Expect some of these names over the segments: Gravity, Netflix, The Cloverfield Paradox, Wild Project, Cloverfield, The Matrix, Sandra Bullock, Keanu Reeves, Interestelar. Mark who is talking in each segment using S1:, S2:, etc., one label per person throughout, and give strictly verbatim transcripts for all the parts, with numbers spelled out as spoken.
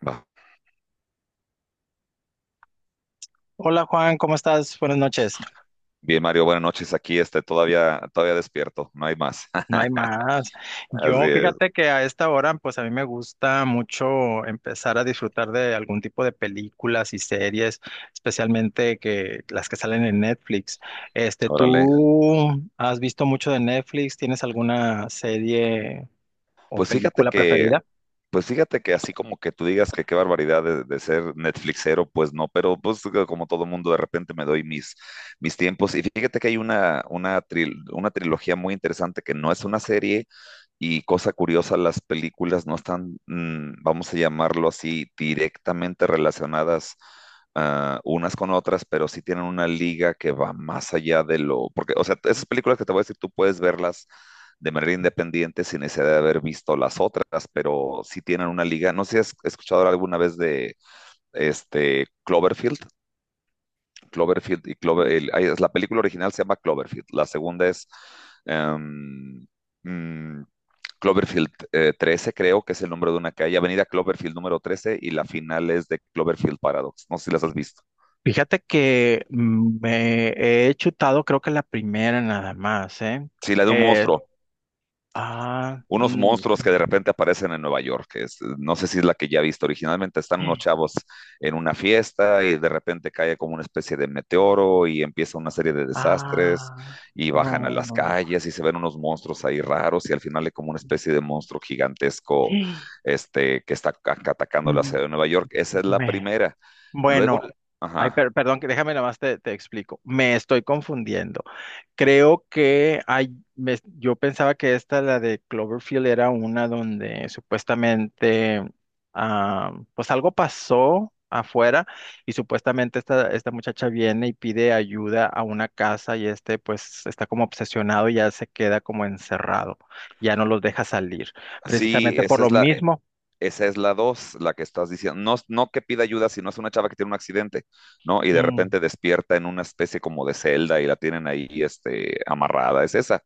S1: Va.
S2: Hola Juan, ¿cómo estás? Buenas noches.
S1: Bien, Mario, buenas noches. Aquí este, todavía, todavía despierto, no hay más.
S2: No hay más.
S1: Así
S2: Yo
S1: es,
S2: fíjate que a esta hora, pues a mí me gusta mucho empezar a disfrutar de algún tipo de películas y series, especialmente que las que salen en Netflix. Este,
S1: órale.
S2: ¿tú has visto mucho de Netflix? ¿Tienes alguna serie o
S1: Pues fíjate
S2: película
S1: que
S2: preferida?
S1: Pues fíjate que así como que tú digas que qué barbaridad de, de ser Netflixero, pues no, pero pues que como todo mundo de repente me doy mis, mis tiempos. Y fíjate que hay una, una, tril- una trilogía muy interesante que no es una serie, y cosa curiosa, las películas no están, mm, vamos a llamarlo así, directamente relacionadas ah, unas con otras, pero sí tienen una liga que va más allá de lo, porque, o sea, esas películas que te voy a decir, tú puedes verlas de manera independiente sin necesidad de haber visto las otras, pero sí tienen una liga. No sé si has escuchado alguna vez de este Cloverfield, Cloverfield y Clover, el- ay, es la película original, se llama Cloverfield, la segunda es em, mm, Cloverfield eh, trece, creo que es el nombre de una calle, Avenida Cloverfield número trece, y la final es de Cloverfield Paradox. No sé si las has visto.
S2: Fíjate que mm, me he chutado, creo que la primera nada más, ¿eh?
S1: Sí, la de un
S2: Eh,
S1: monstruo,
S2: ah,
S1: unos
S2: mm,
S1: monstruos que de repente aparecen en Nueva York, que es- no sé si es la que ya he visto originalmente. Están unos chavos en una fiesta y de repente cae como una especie de meteoro y empieza una serie de desastres
S2: Ah,
S1: y bajan a
S2: no,
S1: las
S2: no, no.
S1: calles y se ven unos monstruos ahí raros y al final hay como una especie de monstruo gigantesco este, que está ca- atacando la
S2: No,
S1: ciudad de Nueva York. Esa es la
S2: Me,
S1: primera. Luego,
S2: bueno, ay,
S1: ajá.
S2: per- perdón, que déjame nada más te, te explico. Me estoy confundiendo. Creo que hay, me- yo pensaba que esta, la de Cloverfield, era una donde supuestamente, ah, pues algo pasó afuera y supuestamente esta, esta muchacha viene y pide ayuda a una casa y este pues está como obsesionado y ya se queda como encerrado, ya no los deja salir,
S1: Sí,
S2: precisamente por
S1: esa
S2: lo
S1: es la,
S2: mismo.
S1: esa es la dos, la que estás diciendo. No, no que pida ayuda, sino es una chava que tiene un accidente, ¿no? Y de
S2: Mm,
S1: repente despierta en una especie como de celda y la tienen ahí, este, amarrada. Es esa.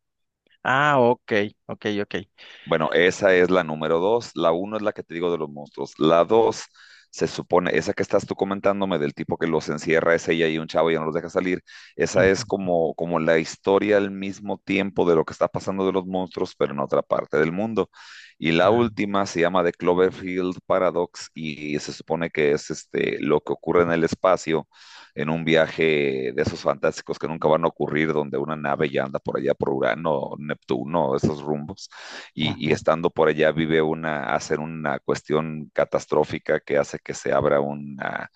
S2: Ah, ok, ok, ok.
S1: Bueno, esa es la número dos. La uno es la que te digo de los monstruos. La dos, se supone, esa que estás tú comentándome del tipo que los encierra, es ella y un chavo y ya no los deja salir. Esa es
S2: Ujú.
S1: como, como la historia al mismo tiempo de lo que está pasando de los monstruos, pero en otra parte del mundo. Y la
S2: Ah.
S1: última se llama The Cloverfield Paradox y se supone que es este, lo que ocurre en el espacio, en un viaje de esos fantásticos que nunca van a ocurrir, donde una nave ya anda por allá por Urano, Neptuno, esos rumbos, y, y
S2: Ajá.
S1: estando por allá vive una, hacen una cuestión catastrófica que hace que se abra una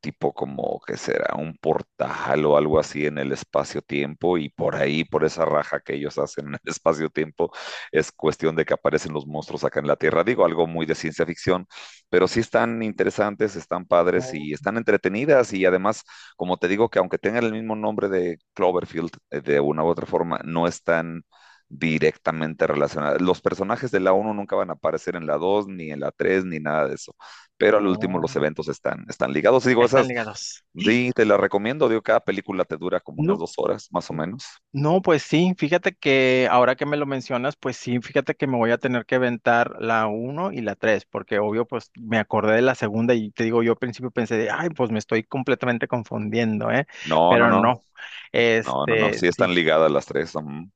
S1: tipo como que será un portal o algo así en el espacio-tiempo, y por ahí, por esa raja que ellos hacen en el espacio-tiempo, es cuestión de que aparecen los monstruos acá en la Tierra. Digo, algo muy de ciencia ficción, pero sí están interesantes, están padres
S2: Oh,
S1: y están entretenidas y además, como te digo, que aunque tengan el mismo nombre de Cloverfield, eh, de una u otra forma, no están directamente relacionadas. Los personajes de la uno nunca van a aparecer en la dos ni en la tres ni nada de eso, pero al último los
S2: oh.
S1: eventos están, están ligados. Digo,
S2: Están
S1: esas,
S2: ligados. ¡Sí!
S1: sí, te las recomiendo, digo, cada película te dura como unas
S2: No,
S1: dos horas, más o menos.
S2: no, pues sí, fíjate que ahora que me lo mencionas, pues sí, fíjate que me voy a tener que aventar la uno y la tres porque obvio, pues me acordé de la segunda y te digo, yo al principio pensé, de, ay, pues me estoy completamente confundiendo, ¿eh?
S1: No, no,
S2: Pero
S1: no,
S2: no,
S1: no, no, no,
S2: este,
S1: sí están
S2: sí,
S1: ligadas las tres. Ujú.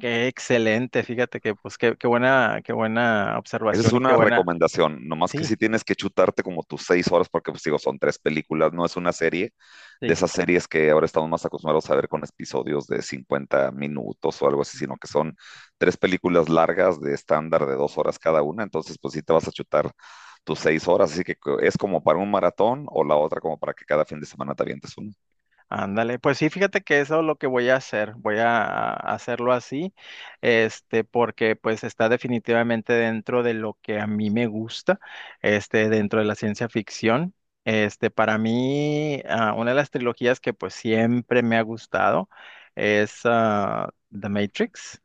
S2: qué excelente, fíjate que, pues qué, qué buena, qué buena
S1: Esa es
S2: observación y qué
S1: una
S2: buena,
S1: recomendación, nomás que
S2: sí,
S1: si tienes que chutarte como tus seis horas, porque pues digo, son tres películas, no es una serie de
S2: sí.
S1: esas series que ahora estamos más acostumbrados a ver con episodios de cincuenta minutos o algo así, sino que son tres películas largas de estándar de dos horas cada una, entonces pues sí te vas a chutar tus seis horas, así que co- es como para un maratón o la otra como para que cada fin de semana te avientes uno.
S2: Ándale, pues sí, fíjate que eso es lo que voy a hacer, voy a a hacerlo así, este, porque pues está definitivamente dentro de lo que a mí me gusta, este, dentro de la ciencia ficción. Este, para mí, ah, una de las trilogías que pues siempre me ha gustado es ah, The Matrix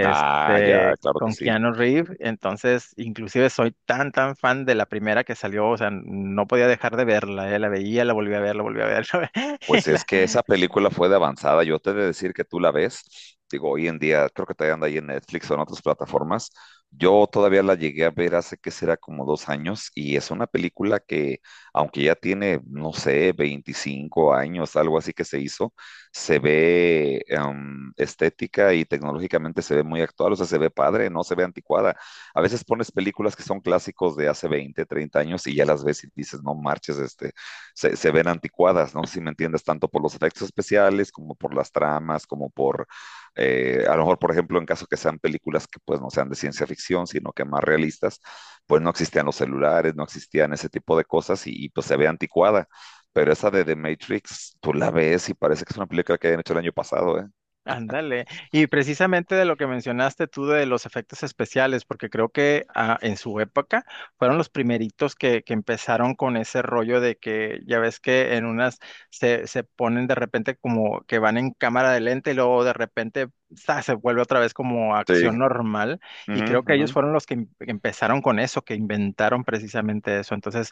S1: Ah, ya, claro que
S2: con
S1: sí.
S2: Keanu Reeves. Entonces, inclusive soy tan, tan fan de la primera que salió, o sea, no podía dejar de verla. eh, La veía, la volví a ver, la volví a ver, la ve-
S1: Pues
S2: y
S1: es
S2: la-
S1: que esa película fue de avanzada. Yo te he de decir que tú la ves. Digo, hoy en día, creo que todavía anda ahí en Netflix o en otras plataformas. Yo todavía la llegué a ver hace que será como dos años y es una película que, aunque ya tiene, no sé, veinticinco años, algo así que se hizo, se ve em, estética y tecnológicamente se ve muy actual, o sea, se ve padre, no se ve anticuada. A veces pones películas que son clásicos de hace veinte, treinta años y ya las ves y dices, no marches, este, se, se, ven anticuadas, no sé si me entiendes, tanto por los efectos especiales como por las tramas, como por, eh, a lo mejor, por ejemplo, en caso que sean películas que pues no sean de ciencia ficción, sino que más realistas, pues no existían los celulares, no existían ese tipo de cosas, y, y pues se ve anticuada. Pero esa de The Matrix, tú la ves y parece que es una película que habían hecho el año pasado, ¿eh?
S2: Ándale. Y precisamente de lo que mencionaste tú de los efectos especiales, porque creo que ah, en su época fueron los primeritos que, que empezaron con ese rollo de que ya ves que en unas se, se ponen de repente como que van en cámara de lente y luego de repente ¡za! Se vuelve otra vez como
S1: Sí.
S2: acción normal. Y
S1: Ujú,
S2: creo que
S1: ujú.
S2: ellos fueron los que em- empezaron con eso, que inventaron precisamente eso. Entonces,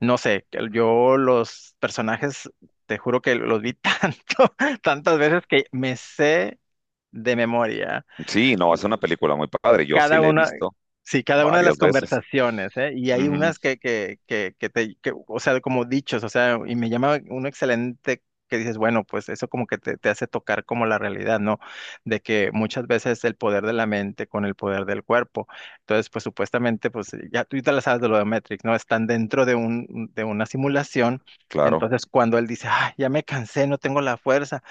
S2: no sé, que yo los personajes, te juro que los vi tanto tantas veces que me sé de memoria
S1: Sí, no, es una película muy padre. Yo sí
S2: cada
S1: la he
S2: una,
S1: visto
S2: sí, cada una de las
S1: varias veces.
S2: conversaciones, ¿eh? Y hay
S1: Ujú,
S2: unas que, que, que, que te, que, o sea, como dichos, o sea, y me llama uno excelente que dices, bueno, pues eso como que te, te hace tocar como la realidad, ¿no? De que muchas veces el poder de la mente con el poder del cuerpo. Entonces, pues supuestamente, pues ya tú te la sabes de lo de Matrix, ¿no? Están dentro de un, de una simulación.
S1: claro.
S2: Entonces, cuando él dice, ah, ya me cansé, no tengo la fuerza,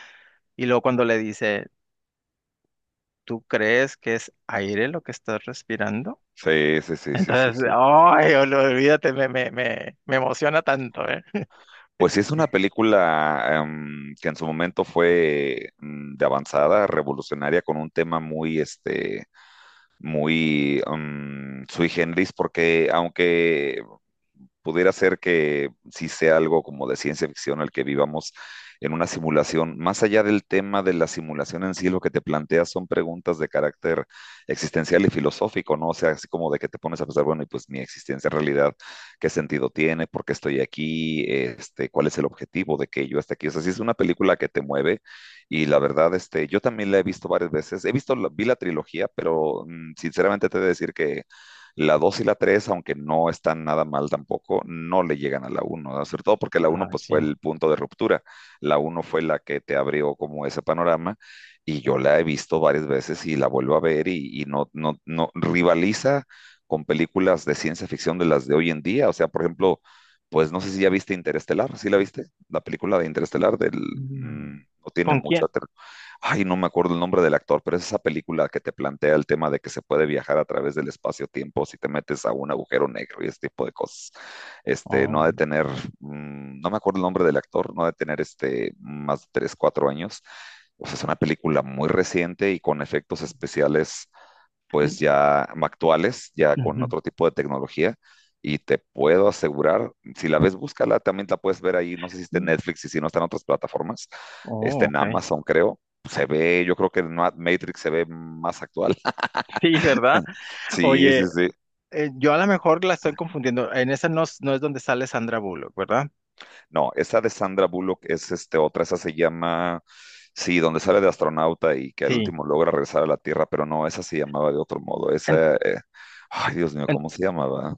S2: y luego cuando le dice, ¿Tú crees que es aire lo que estás respirando?
S1: Sí, sí, sí, sí, sí,
S2: Entonces,
S1: sí.
S2: ay, ol- olvídate, me, me, me, me emociona tanto, ¿eh?
S1: Pues sí, es una película em, que en su momento fue mm, de avanzada, revolucionaria, con un tema muy, este, muy mm, sui generis, porque aunque pudiera ser que sí sea algo como de ciencia ficción el que vivamos en una simulación. Más allá del tema de la simulación en sí, lo que te planteas son preguntas de carácter existencial y filosófico, ¿no? O sea, así como de que te pones a pensar, bueno, y pues mi existencia en realidad, ¿qué sentido tiene? ¿Por qué estoy aquí? Este, ¿cuál es el objetivo de que yo esté aquí? O sea, sí es una película que te mueve, y la verdad, este, yo también la he visto varias veces. He visto, la, vi la trilogía, pero mmm, sinceramente te he de decir que la dos y la tres aunque no están nada mal tampoco, no le llegan a la uno, ¿no? Sobre todo porque la uno,
S2: Ah,
S1: pues,
S2: sí.
S1: fue el punto de ruptura. La uno fue la que te abrió como ese panorama, y yo la he visto varias veces y la vuelvo a ver, y, y no, no, no rivaliza con películas de ciencia ficción de las de hoy en día. O sea, por ejemplo, pues no sé si ya viste Interestelar, ¿sí la viste? La película de Interestelar del, mmm,
S2: Mm.
S1: no tiene
S2: ¿Con
S1: mucho,
S2: quién?
S1: ay, no me acuerdo el nombre del actor, pero es esa película que te plantea el tema de que se puede viajar a través del espacio-tiempo si te metes a un agujero negro y ese tipo de cosas. Este, no ha
S2: Oh,
S1: de tener, mmm, no me acuerdo el nombre del actor, no ha de tener este, más de tres, cuatro años. O sea, es una película muy reciente y con efectos especiales
S2: mm,
S1: pues ya actuales, ya con
S2: ujú,
S1: otro tipo de tecnología. Y te puedo asegurar, si la ves, búscala, también la puedes ver ahí, no sé si está en
S2: mm.
S1: Netflix y si no, está en otras plataformas, está
S2: Oh,
S1: en
S2: ok.
S1: Amazon, creo. Se ve, yo creo que en Ma- Matrix se ve más actual.
S2: Sí, ¿verdad?
S1: Sí, sí,
S2: Oye,
S1: sí.
S2: eh, yo a lo mejor la estoy confundiendo. En esa no, es- no es donde sale Sandra Bullock, ¿verdad?
S1: No, esa de Sandra Bullock es este, otra, esa se llama, sí, donde sale de astronauta y que al
S2: Sí.
S1: último logra regresar a la Tierra, pero no, esa se llamaba de otro modo.
S2: En-
S1: Esa, eh, ay, Dios mío, ¿cómo se llamaba?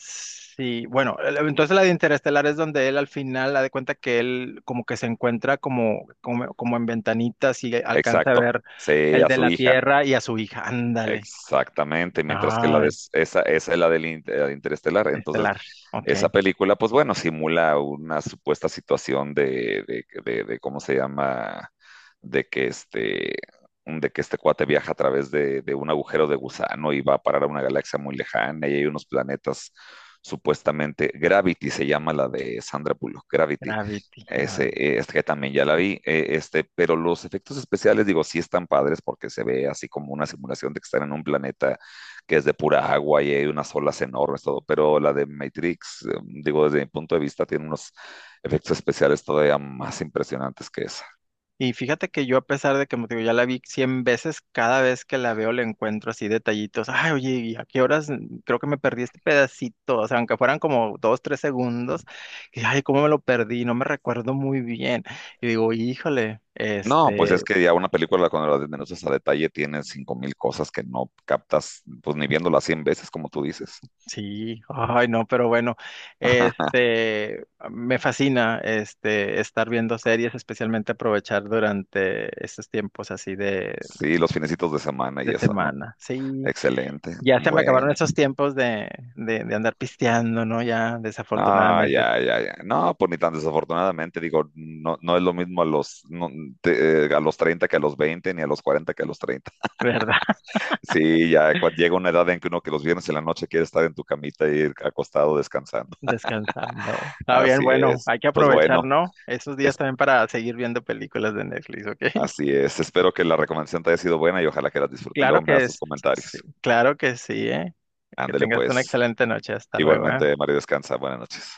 S2: Sí, bueno, el- entonces la de Interestelar es donde él al final da de cuenta que él como que se encuentra como, como, como en ventanitas y alcanza a
S1: Exacto,
S2: ver
S1: sí,
S2: el
S1: a
S2: de
S1: su
S2: la
S1: hija.
S2: Tierra y a su hija. Ándale.
S1: Exactamente, mientras que la de,
S2: Ay,
S1: s- esa, esa es la del in- eh, Interestelar. Entonces,
S2: Estelar. Ok.
S1: esa película, pues bueno, simula una supuesta situación de, de, de- de, ¿cómo se llama? De que este, de que este cuate viaja a través de, de un agujero de gusano y va a parar a una galaxia muy lejana y hay unos planetas supuestamente, Gravity se llama la de Sandra Bullock, Gravity
S2: Gravity.
S1: ese, eh, este que también ya la vi, eh, este, pero los efectos especiales, digo, sí están padres porque se ve así como una simulación de que están en un planeta que es de pura agua y hay unas olas enormes, todo, pero la de Matrix, eh, digo, desde mi punto de vista, tiene unos efectos especiales todavía más impresionantes que esa.
S2: Y fíjate que yo, a pesar de que, como te digo, ya la vi cien veces, cada vez que la veo le encuentro así detallitos. Ay, oye, ¿y a qué horas? Creo que me perdí este pedacito. O sea, aunque fueran como dos, tres segundos, y ay, ¿cómo me lo perdí? No me recuerdo muy bien. Y digo, híjole,
S1: No, pues es
S2: este,
S1: que ya una película cuando la desmenuzas a detalle tiene cinco mil cosas que no captas, pues ni viéndola cien veces, como tú dices.
S2: sí, ay, no, pero bueno, este, me fascina, este, estar viendo series, especialmente aprovechar durante estos tiempos así de,
S1: Sí, los finecitos de semana y
S2: de
S1: eso, ¿no?
S2: semana. Sí.
S1: Excelente.
S2: Ya se me acabaron
S1: Bueno.
S2: esos tiempos de, de, de andar pisteando, ¿no? Ya,
S1: No,
S2: desafortunadamente,
S1: ya, ya, ya. No, pues ni tan desafortunadamente, digo, no, no es lo mismo a los, no, te- eh, a los treinta que a los veinte ni a los cuarenta que a los treinta.
S2: ¿verdad?
S1: Sí, ya cuando llega una edad en que uno que los viernes en la noche quiere estar en tu camita y ir acostado descansando.
S2: Descansando. Está bien,
S1: Así
S2: bueno,
S1: es.
S2: hay que
S1: Pues
S2: aprovechar,
S1: bueno,
S2: ¿no? Esos días
S1: es,
S2: también para seguir viendo películas de Netflix, ¿ok?
S1: así es. Espero que la recomendación te haya sido buena y ojalá que la disfrutes.
S2: Claro
S1: Luego me
S2: que
S1: das tus
S2: es, sí,
S1: comentarios.
S2: claro que sí, ¿eh? Que
S1: Ándele
S2: tengas una
S1: pues.
S2: excelente noche. Hasta luego, ¿eh?
S1: Igualmente, Mario, descansa. Buenas noches.